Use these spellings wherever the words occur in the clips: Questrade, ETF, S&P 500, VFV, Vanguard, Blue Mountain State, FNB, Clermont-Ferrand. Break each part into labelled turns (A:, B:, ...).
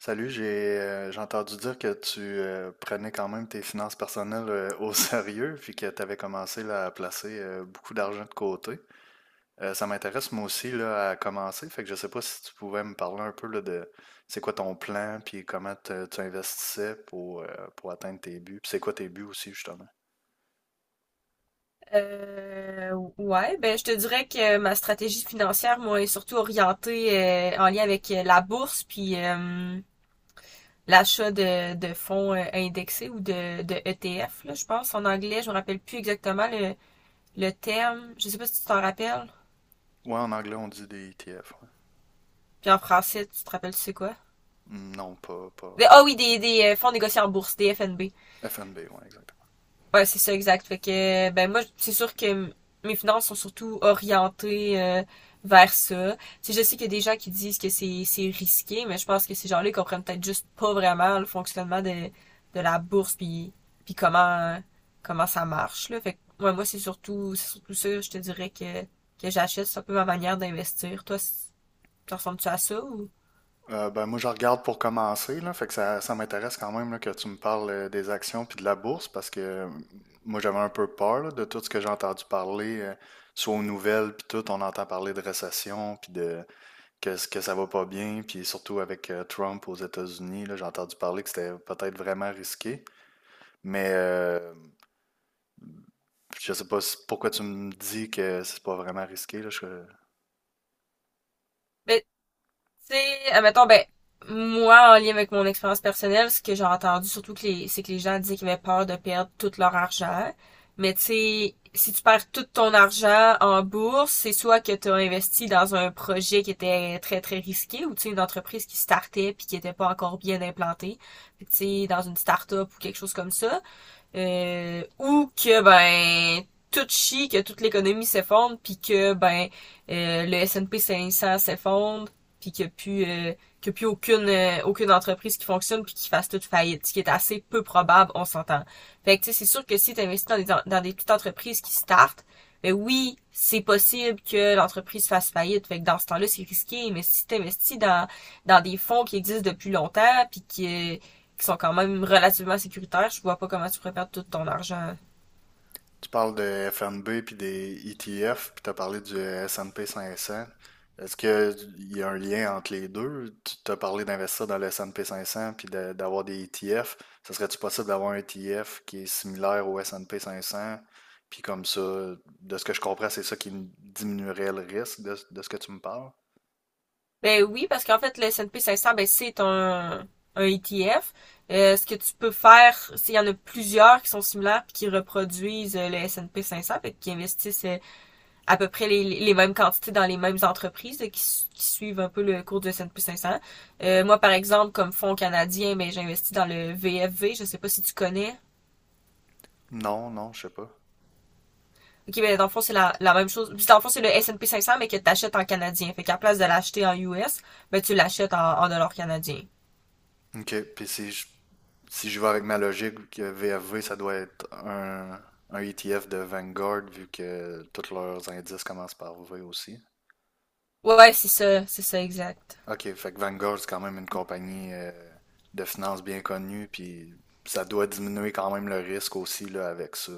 A: Salut, j'ai entendu dire que tu prenais quand même tes finances personnelles au sérieux, puis que tu avais commencé là, à placer beaucoup d'argent de côté. Ça m'intéresse moi aussi là, à commencer, fait que je sais pas si tu pouvais me parler un peu là, de c'est quoi ton plan, puis comment tu investissais pour atteindre tes buts, puis c'est quoi tes buts aussi justement.
B: Ouais, ben je te dirais que ma stratégie financière, moi, est surtout orientée en lien avec la bourse puis l'achat de fonds indexés ou de ETF, là, je pense. En anglais, je me rappelle plus exactement le terme. Je sais pas si tu t'en rappelles.
A: Ouais, en anglais on dit des ETF. Ouais.
B: Puis en français, tu te rappelles, tu sais quoi?
A: Mm, non, pas
B: Ah
A: vraiment.
B: oui, des fonds négociés en bourse, des FNB.
A: FNB, ouais, exact.
B: Ouais, c'est ça, exact. Fait que, ben moi, c'est sûr que mes finances sont surtout orientées vers ça. Tu sais, je sais qu'il y a des gens qui disent que c'est risqué, mais je pense que ces gens-là ils comprennent peut-être juste pas vraiment le fonctionnement de la bourse, puis comment ça marche, là. Fait que, ouais, moi, c'est surtout ça, je te dirais que j'achète. C'est un peu ma manière d'investir. Toi, tu ressembles-tu à ça ou...
A: Ben, moi, je regarde pour commencer, là, fait que ça m'intéresse quand même là, que tu me parles des actions puis de la bourse parce que moi, j'avais un peu peur là, de tout ce que j'ai entendu parler, soit aux nouvelles puis tout, on entend parler de récession puis ce que ça va pas bien puis surtout avec Trump aux États-Unis, là, j'ai entendu parler que c'était peut-être vraiment risqué, mais je sais pas pourquoi tu me dis que c'est pas vraiment risqué, là, je.
B: Ben, tu sais, admettons, ben, moi, en lien avec mon expérience personnelle, ce que j'ai entendu, surtout que c'est que les gens disaient qu'ils avaient peur de perdre tout leur argent. Mais tu sais, si tu perds tout ton argent en bourse, c'est soit que tu as investi dans un projet qui était très très risqué ou tu sais une entreprise qui startait puis qui était pas encore bien implantée. Fait que, tu sais, dans une start-up ou quelque chose comme ça, ou que ben tout chie, que toute l'économie s'effondre, puis que ben le S&P 500 s'effondre, puis qu'il y a plus aucune entreprise qui fonctionne puis qui fasse toute faillite, ce qui est assez peu probable, on s'entend. Fait que tu sais, c'est sûr que si tu investis dans des petites entreprises qui startent, ben oui, c'est possible que l'entreprise fasse faillite. Fait que dans ce temps-là, c'est risqué, mais si tu investis dans des fonds qui existent depuis longtemps puis qui sont quand même relativement sécuritaires, je vois pas comment tu pourrais perdre tout ton argent.
A: Tu parles de FNB puis des ETF, puis tu as parlé du S&P 500. Est-ce qu'il y a un lien entre les deux? Tu t'as parlé d'investir dans le S&P 500 puis d'avoir des ETF. Ça serait-tu possible d'avoir un ETF qui est similaire au S&P 500? Puis comme ça, de ce que je comprends, c'est ça qui diminuerait le risque de ce que tu me parles?
B: Ben oui, parce qu'en fait, le S&P 500, ben c'est un ETF. Ce que tu peux faire, c'est il y en a plusieurs qui sont similaires puis qui reproduisent le S&P 500, fait, qui investissent à peu près les mêmes quantités dans les mêmes entreprises qui suivent un peu le cours du S&P 500. Moi, par exemple, comme fonds canadien, mais j'investis dans le VFV. Je sais pas si tu connais.
A: Non, non, je sais pas.
B: Ok, mais dans le fond, c'est la même chose. Puis dans le fond, c'est le S&P 500, mais que t'achètes en canadien. Fait qu'à place de l'acheter en US, ben tu l'achètes en dollars canadiens.
A: OK. Puis si je vais avec ma logique, que VFV, ça doit être un ETF de Vanguard, vu que tous leurs indices commencent par V aussi.
B: Ouais, ouais, c'est ça, exact.
A: OK, fait que Vanguard, c'est quand même une compagnie de finances bien connue, puis ça doit diminuer quand même le risque aussi là, avec ça.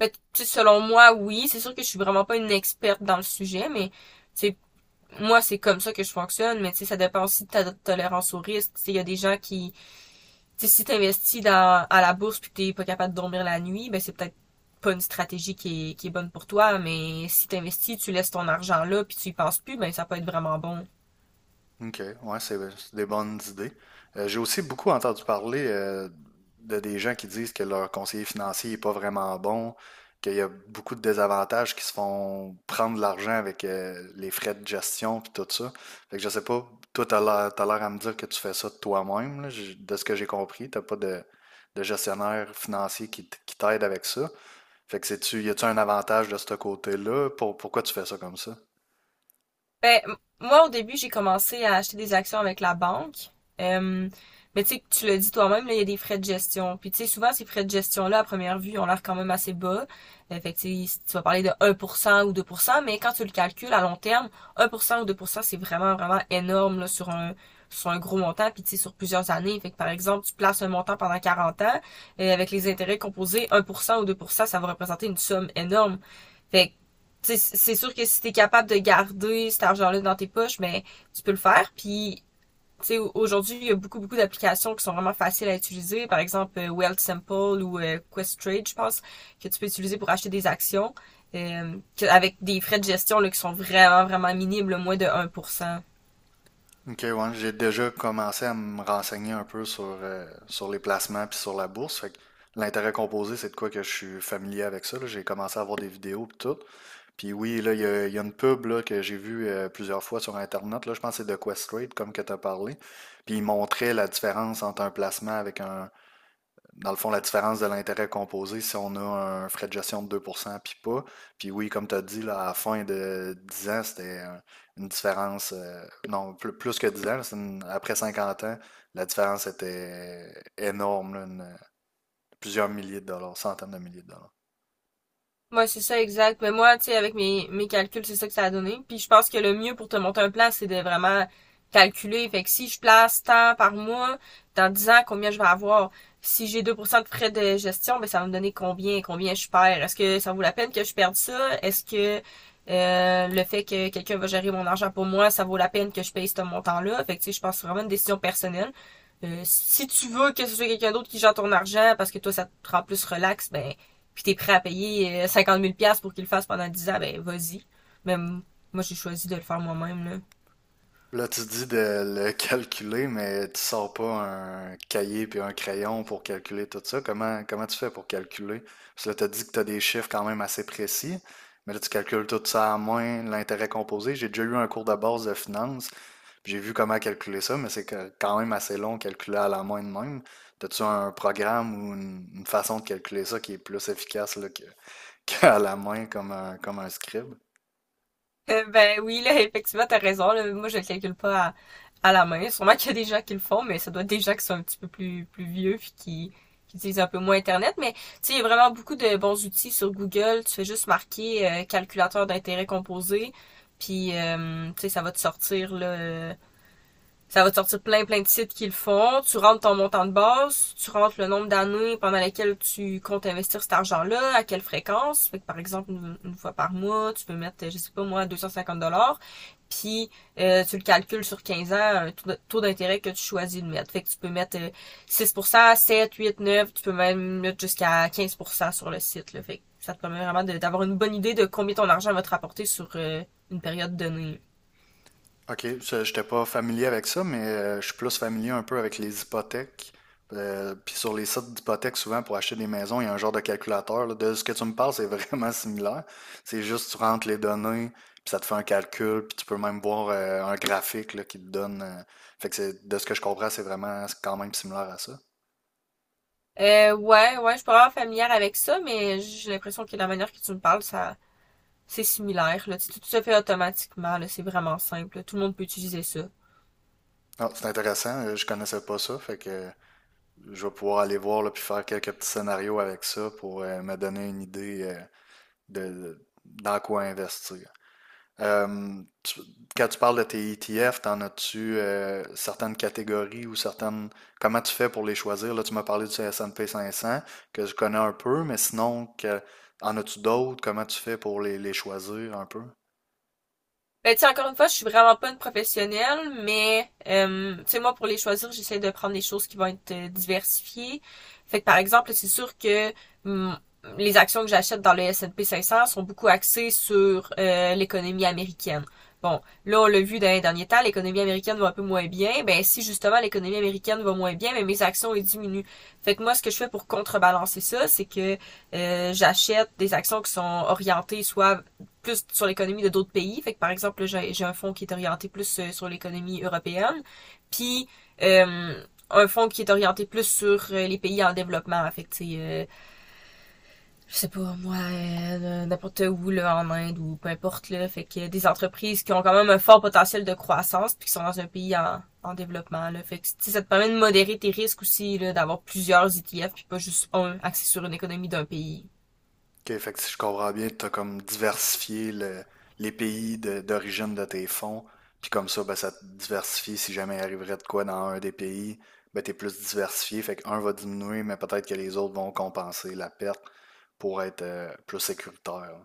B: Mais tu sais, selon moi, oui, c'est sûr que je suis vraiment pas une experte dans le sujet, mais c'est moi, c'est comme ça que je fonctionne, mais tu sais, ça dépend aussi de ta tolérance au risque. Tu sais, il y a des gens qui, tu sais, si t'investis à la bourse puis que t'es pas capable de dormir la nuit, ben c'est peut-être pas une stratégie qui est bonne pour toi, mais si t'investis, tu laisses ton argent là puis tu y penses plus, ben ça peut être vraiment bon.
A: OK, ouais, c'est des bonnes idées. J'ai aussi beaucoup entendu parler de des gens qui disent que leur conseiller financier n'est pas vraiment bon, qu'il y a beaucoup de désavantages qui se font prendre de l'argent avec les frais de gestion puis tout ça. Fait que je sais pas, toi, t'as l'air à me dire que tu fais ça de toi-même, là. De ce que j'ai compris, t'as pas de gestionnaire financier qui t'aide avec ça. Fait que c'est-tu, y a-tu un avantage de ce côté-là? Pour, pourquoi tu fais ça comme ça?
B: Ben, moi, au début, j'ai commencé à acheter des actions avec la banque. Euh, mais tu sais, tu le dis toi-même, là, il y a des frais de gestion. Puis tu sais, souvent, ces frais de gestion-là, à première vue, ont l'air quand même assez bas. Fait que tu sais, si tu vas parler de 1% ou 2%, mais quand tu le calcules à long terme, 1% ou 2%, c'est vraiment, vraiment énorme là, sur un gros montant, puis tu sais, sur plusieurs années. Fait que par exemple, tu places un montant pendant 40 ans, et avec les intérêts composés, 1% ou 2%, ça va représenter une somme énorme. Fait que, c'est sûr que si t'es capable de garder cet argent-là dans tes poches, ben, tu peux le faire. Puis, tu sais, aujourd'hui, il y a beaucoup, beaucoup d'applications qui sont vraiment faciles à utiliser. Par exemple, Wealth ou Quest je pense, que tu peux utiliser pour acheter des actions, euh, avec des frais de gestion là, qui sont vraiment, vraiment minimes, là, moins de 1%.
A: Ok, ouais, j'ai déjà commencé à me renseigner un peu sur les placements puis sur la bourse. Fait que l'intérêt composé, c'est de quoi que je suis familier avec ça. Là. J'ai commencé à voir des vidéos puis tout. Puis oui, là, il y a une pub là, que j'ai vue plusieurs fois sur Internet. Là, je pense que c'est de Questrade, comme que tu as parlé. Puis il montrait la différence entre un placement avec un, dans le fond, la différence de l'intérêt composé, si on a un frais de gestion de 2 puis pas. Puis oui, comme tu as dit, là, à la fin de 10 ans, c'était une différence, non, plus que 10 ans, là, c'est après 50 ans, la différence était énorme, là, plusieurs milliers de dollars, centaines de milliers de dollars.
B: Ouais, c'est ça, exact. Mais moi, tu sais, avec mes calculs, c'est ça que ça a donné. Puis je pense que le mieux pour te monter un plan, c'est de vraiment calculer. Fait que si je place tant par mois, dans 10 ans, combien je vais avoir? Si j'ai 2% de frais de gestion, ben ça va me donner combien, je perds. Est-ce que ça vaut la peine que je perde ça? Est-ce que le fait que quelqu'un va gérer mon argent pour moi, ça vaut la peine que je paye ce montant-là? Fait que tu sais, je pense que c'est vraiment une décision personnelle. Si tu veux que ce soit quelqu'un d'autre qui gère ton argent parce que toi, ça te rend plus relax, ben puis t'es prêt à payer 50 000 pour qu'il le fasse pendant 10 ans, ben vas-y. Mais moi, j'ai choisi de le faire moi-même, là.
A: Là, tu dis de le calculer, mais tu sors pas un cahier puis un crayon pour calculer tout ça. Comment, comment tu fais pour calculer? Parce que là, tu as dit que tu as des chiffres quand même assez précis, mais là, tu calcules tout ça à moins l'intérêt composé. J'ai déjà eu un cours de base de finance, puis j'ai vu comment calculer ça, mais quand même assez long calculer à la main de même. As-tu un programme ou une façon de calculer ça qui est plus efficace là, que, qu'à la main comme un scribe?
B: Ben oui, là, effectivement, t'as raison. Là. Moi, je le calcule pas à la main. Sûrement qu'il y a des gens qui le font, mais ça doit être des gens qui sont un petit peu plus vieux puis qui utilisent un peu moins Internet. Mais tu sais, il y a vraiment beaucoup de bons outils sur Google. Tu fais juste marquer calculateur d'intérêt composé, puis tu sais, ça va te sortir là, ça va te sortir plein plein de sites qui le font. Tu rentres ton montant de base, tu rentres le nombre d'années pendant lesquelles tu comptes investir cet argent-là, à quelle fréquence. Fait que par exemple, une fois par mois, tu peux mettre, je sais pas moi, 250 dollars. Puis tu le calcules sur 15 ans, un taux d'intérêt que tu choisis de mettre. Fait que tu peux mettre 6%, 7, 8, 9, tu peux même mettre jusqu'à 15% sur le site. Là. Fait que ça te permet vraiment d'avoir une bonne idée de combien ton argent va te rapporter sur une période donnée.
A: OK, je n'étais pas familier avec ça, mais je suis plus familier un peu avec les hypothèques. Puis sur les sites d'hypothèques, souvent pour acheter des maisons, il y a un genre de calculateur. Là. De ce que tu me parles, c'est vraiment similaire. C'est juste tu rentres les données, puis ça te fait un calcul, puis tu peux même voir un graphique là, qui te donne. Fait que de ce que je comprends, c'est quand même similaire à ça.
B: Ouais, ouais, je suis pas vraiment familière avec ça, mais j'ai l'impression que la manière que tu me parles, ça, c'est similaire, là. Tu sais, tout se fait automatiquement, là. C'est vraiment simple, là. Tout le monde peut utiliser ça.
A: Ah, c'est intéressant, je connaissais pas ça, fait que je vais pouvoir aller voir là, puis faire quelques petits scénarios avec ça pour me donner une idée de dans quoi investir. Euh, tu- quand tu parles de tes ETF, t'en as-tu certaines catégories ou certaines... Comment tu fais pour les choisir? Là, tu m'as parlé du S&P 500, que je connais un peu, mais sinon, que, en as-tu d'autres? Comment tu fais pour les choisir un peu?
B: Ben, tu sais, encore une fois, je suis vraiment pas une professionnelle, mais, tu sais, moi, pour les choisir, j'essaie de prendre des choses qui vont être diversifiées. Fait que, par exemple, c'est sûr que hum, les actions que j'achète dans le S&P 500 sont beaucoup axées sur l'économie américaine. Bon, là, on l'a vu dans les derniers temps, l'économie américaine va un peu moins bien. Ben, si justement l'économie américaine va moins bien, ben, mes actions, elles diminuent. Fait que moi, ce que je fais pour contrebalancer ça, c'est que j'achète des actions qui sont orientées soit plus sur l'économie de d'autres pays. Fait que par exemple, j'ai un fonds qui est orienté plus sur l'économie européenne, puis euh, un fonds qui est orienté plus sur les pays en développement. Fait que tu sais, je sais pas moi, n'importe où là en Inde ou peu importe là. Fait que des entreprises qui ont quand même un fort potentiel de croissance puis qui sont dans un pays en développement là. Fait que ça te permet de modérer tes risques aussi là, d'avoir plusieurs ETF puis pas juste un axé sur une économie d'un pays.
A: OK, fait que si je comprends bien, tu as comme diversifié les pays d'origine de tes fonds, puis comme ça, ben, ça te diversifie. Si jamais il arriverait de quoi dans un des pays, ben, tu es plus diversifié. Fait qu'un va diminuer, mais peut-être que les autres vont compenser la perte pour être plus sécuritaire.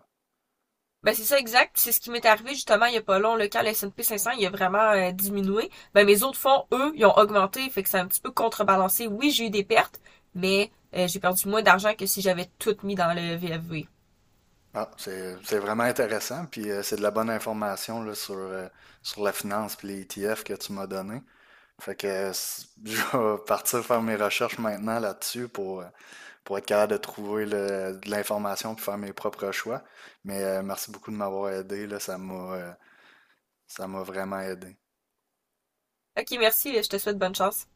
B: Ben, c'est ça, exact. C'est ce qui m'est arrivé justement il y a pas long, là, quand le S&P 500, il a vraiment diminué. Ben, mes autres fonds, eux, ils ont augmenté, fait que c'est un petit peu contrebalancé. Oui, j'ai eu des pertes, mais j'ai perdu moins d'argent que si j'avais tout mis dans le VFV.
A: Ah, c'est vraiment intéressant, puis c'est de la bonne information là, sur la finance puis les ETF que tu m'as donné. Fait que je vais partir faire mes recherches maintenant là-dessus pour être capable de trouver de l'information puis faire mes propres choix. Mais merci beaucoup de m'avoir aidé, là, ça m'a vraiment aidé.
B: Ok, merci, je te souhaite bonne chance.